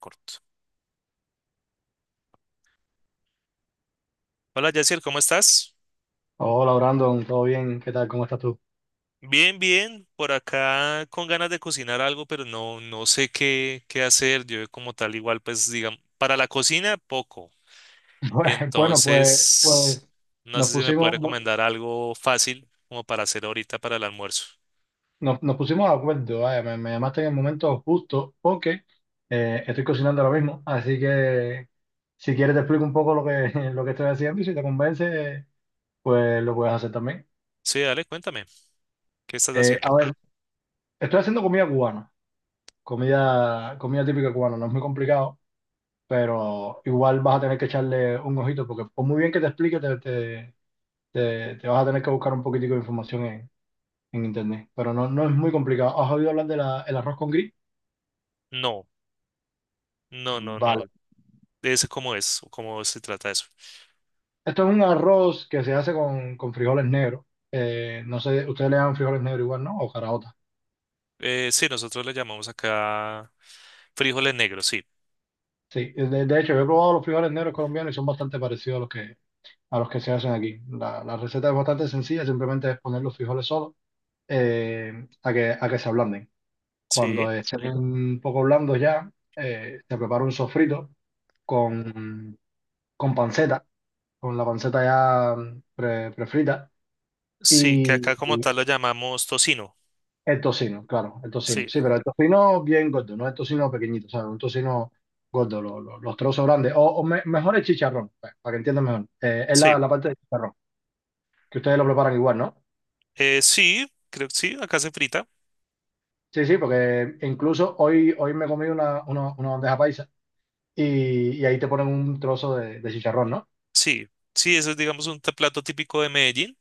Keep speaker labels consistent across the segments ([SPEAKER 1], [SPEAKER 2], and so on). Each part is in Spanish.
[SPEAKER 1] Corto. Hola, Yacier, ¿cómo estás?
[SPEAKER 2] Hola Brandon, ¿todo bien? ¿Qué tal? ¿Cómo estás tú?
[SPEAKER 1] Bien, bien, por acá con ganas de cocinar algo, pero no sé qué hacer. Yo como tal igual, pues digamos, para la cocina poco.
[SPEAKER 2] Bueno, pues
[SPEAKER 1] Entonces, no
[SPEAKER 2] nos
[SPEAKER 1] sé si me puede
[SPEAKER 2] pusimos,
[SPEAKER 1] recomendar algo fácil como para hacer ahorita para el almuerzo.
[SPEAKER 2] nos pusimos de acuerdo. Vaya, me llamaste en el momento justo porque estoy cocinando ahora mismo, así que si quieres te explico un poco lo que estoy haciendo y si te convence, pues lo puedes hacer también.
[SPEAKER 1] Sí, dale, cuéntame, ¿qué estás
[SPEAKER 2] A
[SPEAKER 1] haciendo?
[SPEAKER 2] ver, estoy haciendo comida cubana, comida típica cubana, no es muy complicado, pero igual vas a tener que echarle un ojito porque por muy bien que te explique, te vas a tener que buscar un poquitico de información en internet, pero no, no es muy complicado. ¿Has oído hablar del arroz con gris?
[SPEAKER 1] No, no, no, no.
[SPEAKER 2] Vale.
[SPEAKER 1] Es? ¿Cómo se trata eso?
[SPEAKER 2] Esto es un arroz que se hace con frijoles negros. No sé, ustedes le llaman frijoles negros igual, ¿no? O caraotas.
[SPEAKER 1] Sí, nosotros le llamamos acá frijoles negros, sí.
[SPEAKER 2] Sí, de hecho, yo he probado los frijoles negros colombianos y son bastante parecidos a los que se hacen aquí. La receta es bastante sencilla, simplemente es poner los frijoles solos a que se ablanden.
[SPEAKER 1] Sí,
[SPEAKER 2] Cuando estén un poco blandos ya, se prepara un sofrito con, con panceta. Con la panceta ya prefrita.
[SPEAKER 1] sí, que acá
[SPEAKER 2] Y
[SPEAKER 1] como tal lo llamamos tocino.
[SPEAKER 2] el tocino, claro, el tocino.
[SPEAKER 1] Sí,
[SPEAKER 2] Sí, pero el tocino bien gordo, no el tocino pequeñito, ¿sabes? Un tocino gordo, los trozos grandes. O mejor el chicharrón, para que entiendan mejor. Es la,
[SPEAKER 1] sí.
[SPEAKER 2] la parte del chicharrón, que ustedes lo preparan igual, ¿no?
[SPEAKER 1] Sí, creo que sí, acá se frita.
[SPEAKER 2] Sí, sí, porque incluso hoy me comí una bandeja paisa y ahí te ponen un trozo de chicharrón, ¿no?
[SPEAKER 1] Sí, sí, eso es, digamos, plato típico de Medellín,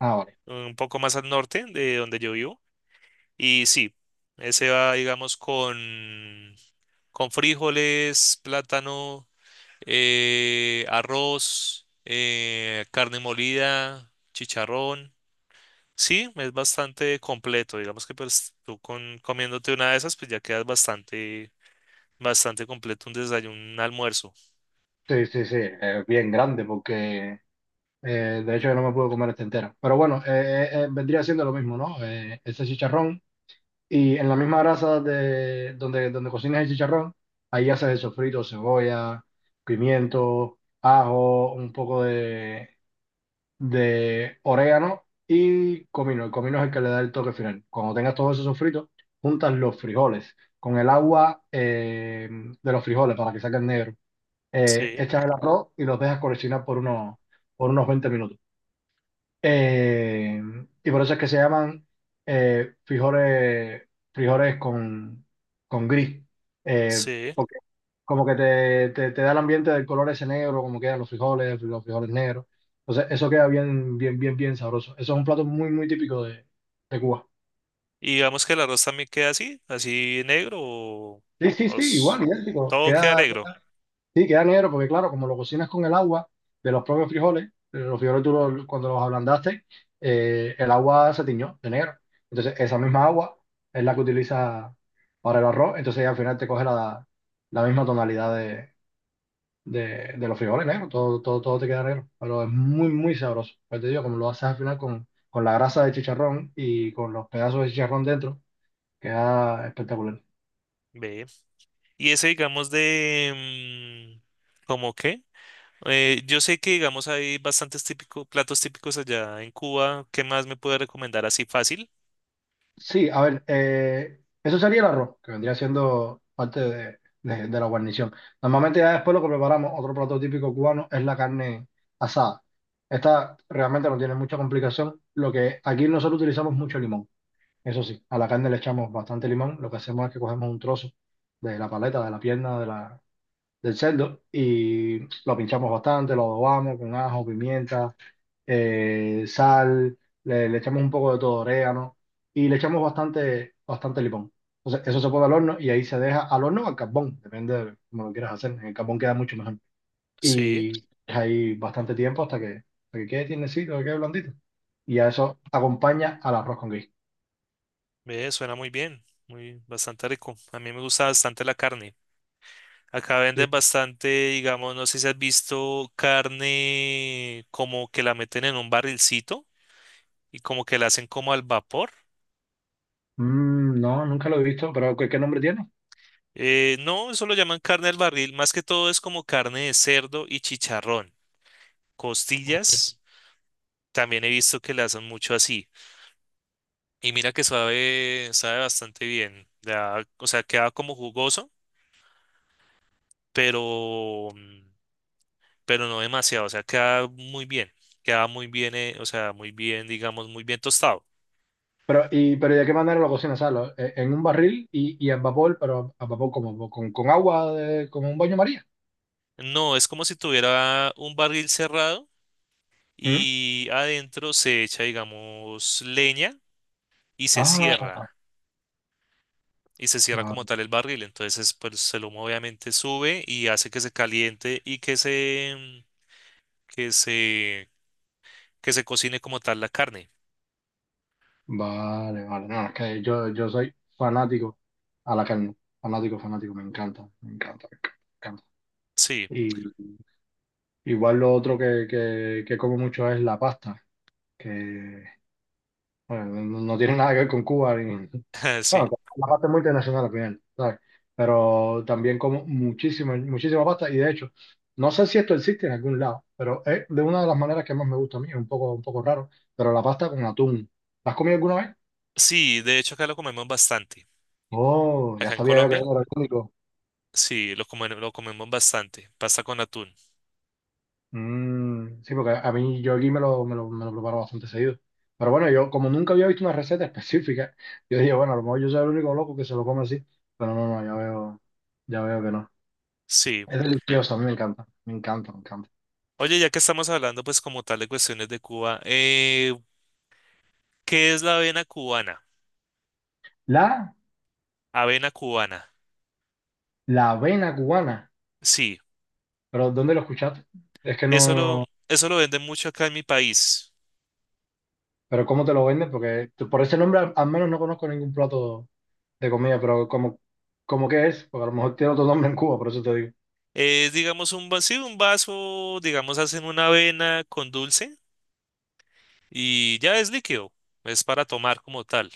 [SPEAKER 2] Ah, vale.
[SPEAKER 1] un poco más al norte de donde yo vivo. Y sí, ese va, digamos, con frijoles, plátano, arroz, carne molida, chicharrón. Sí, es bastante completo. Digamos que pues tú con, comiéndote una de esas, pues ya quedas bastante, bastante completo un desayuno, un almuerzo.
[SPEAKER 2] Sí, sí, sí, bien grande porque de hecho, yo no me pude comer esta entera. Pero bueno, vendría siendo lo mismo, ¿no? Ese chicharrón. Y en la misma grasa de donde cocinas el chicharrón, ahí haces el sofrito, cebolla, pimiento, ajo, un poco de orégano y comino. El comino es el que le da el toque final. Cuando tengas todo ese sofrito, juntas los frijoles con el agua de los frijoles para que saquen negro. Eh,
[SPEAKER 1] Sí,
[SPEAKER 2] echas el arroz y los dejas cocinar por unos 20 minutos. Eh, y por eso es que se llaman eh, frijoles, frijoles con gris. Eh,
[SPEAKER 1] sí.
[SPEAKER 2] porque como que te da el ambiente del color ese negro, como quedan los frijoles negros. Entonces, eso queda bien, bien, bien, bien sabroso. Eso es un plato muy, muy típico de Cuba.
[SPEAKER 1] Y digamos que el arroz también queda así, así negro o,
[SPEAKER 2] Sí, sí,
[SPEAKER 1] o
[SPEAKER 2] sí,
[SPEAKER 1] s-
[SPEAKER 2] igual, idéntico.
[SPEAKER 1] todo queda
[SPEAKER 2] Queda.
[SPEAKER 1] negro.
[SPEAKER 2] Sí, queda negro porque claro, como lo cocinas con el agua de los propios frijoles, los frijoles tú cuando los ablandaste. El agua se tiñó de negro. Entonces esa misma agua es la que utiliza para el arroz, entonces al final te coge la misma tonalidad de los frijoles negros, todo, todo, todo te queda negro, pero es muy, muy sabroso. Pues te digo, como lo haces al final con la grasa de chicharrón y con los pedazos de chicharrón dentro, queda espectacular.
[SPEAKER 1] Ve. Y ese, digamos, ¿cómo qué? Yo sé que, digamos, hay bastantes típicos, platos típicos allá en Cuba. ¿Qué más me puede recomendar así fácil?
[SPEAKER 2] Sí, a ver, eso sería el arroz, que vendría siendo parte de la guarnición. Normalmente ya después lo que preparamos, otro plato típico cubano, es la carne asada. Esta realmente no tiene mucha complicación. Lo que aquí nosotros utilizamos mucho limón. Eso sí, a la carne le echamos bastante limón. Lo que hacemos es que cogemos un trozo de la paleta, de la pierna del cerdo y lo pinchamos bastante, lo adobamos con ajo, pimienta sal, le echamos un poco de todo, orégano, y le echamos bastante, bastante limón. Entonces, eso se pone al horno y ahí se deja al horno o al carbón, depende de cómo lo quieras hacer. En el carbón queda mucho mejor.
[SPEAKER 1] Sí,
[SPEAKER 2] Y ahí bastante tiempo hasta que quede tiernecito, que quede blandito. Y a eso acompaña al arroz con guiso.
[SPEAKER 1] ve, suena muy bien, muy bastante rico. A mí me gusta bastante la carne. Acá
[SPEAKER 2] Sí.
[SPEAKER 1] venden bastante, digamos, no sé si has visto carne como que la meten en un barrilcito y como que la hacen como al vapor.
[SPEAKER 2] No, nunca lo he visto, pero ¿qué nombre tiene?
[SPEAKER 1] No, eso lo llaman carne al barril. Más que todo es como carne de cerdo y chicharrón. Costillas, también he visto que le hacen mucho así. Y mira que sabe, sabe bastante bien. Da, o sea, queda como jugoso, pero, mm, pero no demasiado. O sea, queda muy bien. Queda muy bien, o sea, muy bien, digamos, muy bien tostado.
[SPEAKER 2] Pero, ¿y de qué manera lo cocinas? ¿Sabes? En un barril y en vapor, pero a vapor como con agua, como un baño María.
[SPEAKER 1] No, es como si tuviera un barril cerrado
[SPEAKER 2] ¿Mm?
[SPEAKER 1] y adentro se echa, digamos, leña y se
[SPEAKER 2] Ah,
[SPEAKER 1] cierra. Y se cierra
[SPEAKER 2] Va-
[SPEAKER 1] como tal el barril. Entonces, pues el humo obviamente sube y hace que se caliente y que se, que se cocine como tal la carne.
[SPEAKER 2] Vale, vale, no, es que yo soy fanático a la carne, fanático, fanático, me encanta, me encanta, me encanta.
[SPEAKER 1] Sí,
[SPEAKER 2] Y igual lo otro que como mucho es la pasta, que bueno, no tiene nada que ver con Cuba,
[SPEAKER 1] sí.
[SPEAKER 2] bueno, la pasta es muy internacional al final, ¿sabes? Pero también como muchísima, muchísima pasta y de hecho, no sé si esto existe en algún lado, pero es de una de las maneras que más me gusta a mí, es un poco raro, pero la pasta con atún. ¿La has comido alguna vez?
[SPEAKER 1] Sí, de hecho acá lo comemos bastante.
[SPEAKER 2] Oh, ya
[SPEAKER 1] Acá en
[SPEAKER 2] sabía yo que era
[SPEAKER 1] Colombia,
[SPEAKER 2] orgánico.
[SPEAKER 1] sí, lo comemos bastante. Pasta con atún.
[SPEAKER 2] Mm, sí, porque a mí yo aquí me lo preparo bastante seguido. Pero bueno, yo como nunca había visto una receta específica, yo dije, bueno, a lo mejor yo soy el único loco que se lo come así. Pero no, no, ya veo que no.
[SPEAKER 1] Sí.
[SPEAKER 2] Es delicioso, a mí me encanta, me encanta, me encanta.
[SPEAKER 1] Oye, ya que estamos hablando pues como tal de cuestiones de Cuba, ¿qué es la avena cubana?
[SPEAKER 2] La,
[SPEAKER 1] Avena cubana.
[SPEAKER 2] la avena cubana.
[SPEAKER 1] Sí,
[SPEAKER 2] Pero ¿dónde lo escuchaste? Es que
[SPEAKER 1] eso lo,
[SPEAKER 2] no,
[SPEAKER 1] eso lo venden mucho acá en mi país.
[SPEAKER 2] pero ¿cómo te lo venden? Porque por ese nombre al menos no conozco ningún plato de comida, pero como que es, porque a lo mejor tiene otro nombre en Cuba, por eso te digo.
[SPEAKER 1] Es, digamos, un vacío, un vaso, digamos, hacen una avena con dulce y ya es líquido, es para tomar como tal.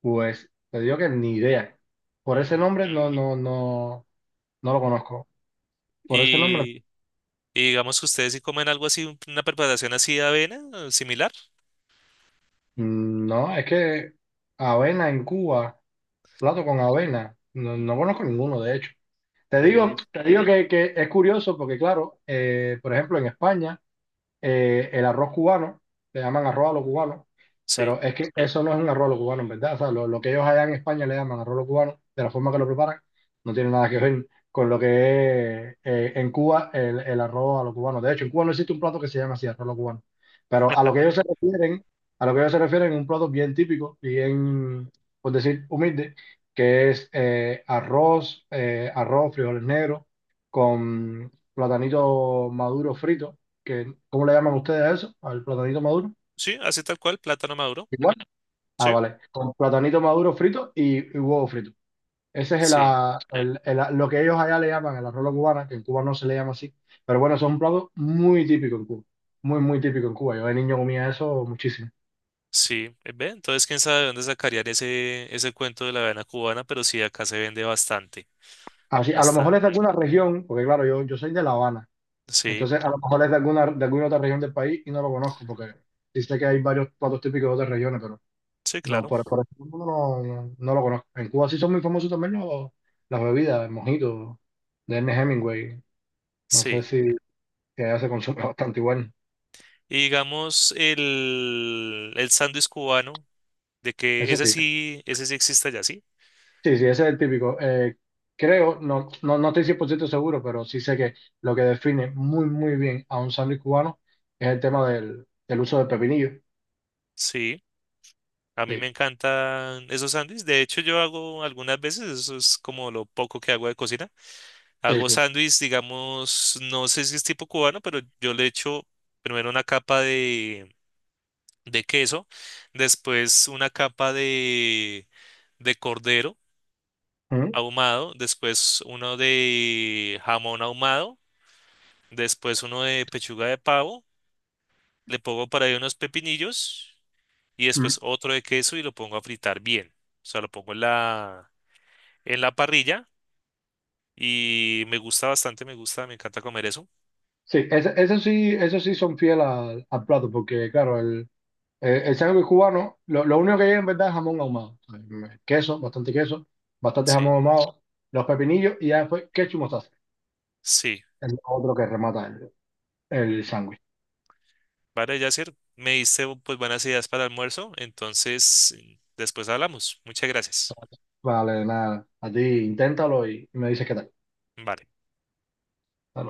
[SPEAKER 2] Pues te digo que ni idea. Por ese
[SPEAKER 1] Mm,
[SPEAKER 2] nombre no lo conozco. Por ese nombre,
[SPEAKER 1] Y, y digamos que ustedes si comen algo así, una preparación así de avena, similar.
[SPEAKER 2] no, es que avena en Cuba, plato con avena, no, no conozco ninguno, de hecho. Te digo,
[SPEAKER 1] Ve,
[SPEAKER 2] te digo que es curioso porque, claro, por ejemplo, en España. El arroz cubano, le llaman arroz a los cubanos,
[SPEAKER 1] sí,
[SPEAKER 2] pero es que eso no es un arroz a los cubanos, en verdad. O sea, lo que ellos allá en España le llaman arroz a los cubanos, de la forma que lo preparan, no tiene nada que ver con lo que es en Cuba el arroz a los cubanos. De hecho, en Cuba no existe un plato que se llame así, arroz a los cubanos. Pero a lo que ellos se refieren, a lo que ellos se refieren, un plato bien típico, bien, por decir, humilde, que es arroz, frijoles negros, con platanito maduro frito ¿cómo le llaman ustedes a eso? ¿Al platanito maduro?
[SPEAKER 1] sí, así tal cual, plátano maduro,
[SPEAKER 2] Igual. Ah,
[SPEAKER 1] sí,
[SPEAKER 2] vale. Con platanito maduro frito y huevo frito. Ese es
[SPEAKER 1] sí,
[SPEAKER 2] el, ah, lo que ellos allá le llaman el arroz a la cubana, que en Cuba no se le llama así. Pero bueno, eso es un plato muy típico en Cuba. Muy, muy típico en Cuba. Yo de niño comía eso muchísimo.
[SPEAKER 1] sí, ve. Entonces, quién sabe de dónde sacarían ese, ese cuento de la avena cubana, pero sí, acá se vende bastante,
[SPEAKER 2] Así, a lo mejor
[SPEAKER 1] bastante.
[SPEAKER 2] es de alguna región, porque claro, yo soy de La Habana.
[SPEAKER 1] Sí,
[SPEAKER 2] Entonces, a lo mejor es de alguna otra región del país y no lo conozco, porque sí sé que hay varios platos típicos de otras regiones, pero
[SPEAKER 1] sí,
[SPEAKER 2] no,
[SPEAKER 1] claro,
[SPEAKER 2] por eso no, lo no- no lo conozco. En Cuba sí son muy famosos también las bebidas, el mojito de Ernest Hemingway. No sé
[SPEAKER 1] sí.
[SPEAKER 2] si que allá se consume bastante igual.
[SPEAKER 1] Y digamos, el sándwich cubano. De que
[SPEAKER 2] Eso sí.
[SPEAKER 1] ese sí existe allá, ¿sí?
[SPEAKER 2] Sí, sí, ese es el típico. Creo, no estoy 100% seguro, pero sí sé que lo que define muy, muy bien a un sándwich cubano es el tema del uso del pepinillo.
[SPEAKER 1] Sí, a mí me
[SPEAKER 2] Sí,
[SPEAKER 1] encantan esos sándwiches. De hecho, yo hago algunas veces, eso es como lo poco que hago de cocina.
[SPEAKER 2] sí,
[SPEAKER 1] Hago
[SPEAKER 2] sí.
[SPEAKER 1] sándwiches, digamos, no sé si es tipo cubano, pero yo le echo primero una capa de queso, después una capa de cordero
[SPEAKER 2] Ujú.
[SPEAKER 1] ahumado, después uno de jamón ahumado, después uno de pechuga de pavo, le pongo por ahí unos pepinillos. Y
[SPEAKER 2] Mm.
[SPEAKER 1] después otro de queso y lo pongo a fritar bien. O sea, lo pongo en la parrilla y me gusta bastante, me gusta, me encanta comer eso.
[SPEAKER 2] Sí, eso sí, eso sí son fieles al plato, porque claro, el sándwich cubano, lo único que lleva en verdad es jamón ahumado. O sea, queso, bastante jamón
[SPEAKER 1] Sí.
[SPEAKER 2] ahumado, los pepinillos y ya después ketchup y mostaza.
[SPEAKER 1] Sí.
[SPEAKER 2] Es lo otro que remata el
[SPEAKER 1] Ujú.
[SPEAKER 2] sándwich.
[SPEAKER 1] Vale, Yasser, me diste pues buenas ideas para el almuerzo, entonces después hablamos. Muchas gracias.
[SPEAKER 2] Vale, nada. A ti inténtalo y me dices qué tal.
[SPEAKER 1] Vale.
[SPEAKER 2] Hasta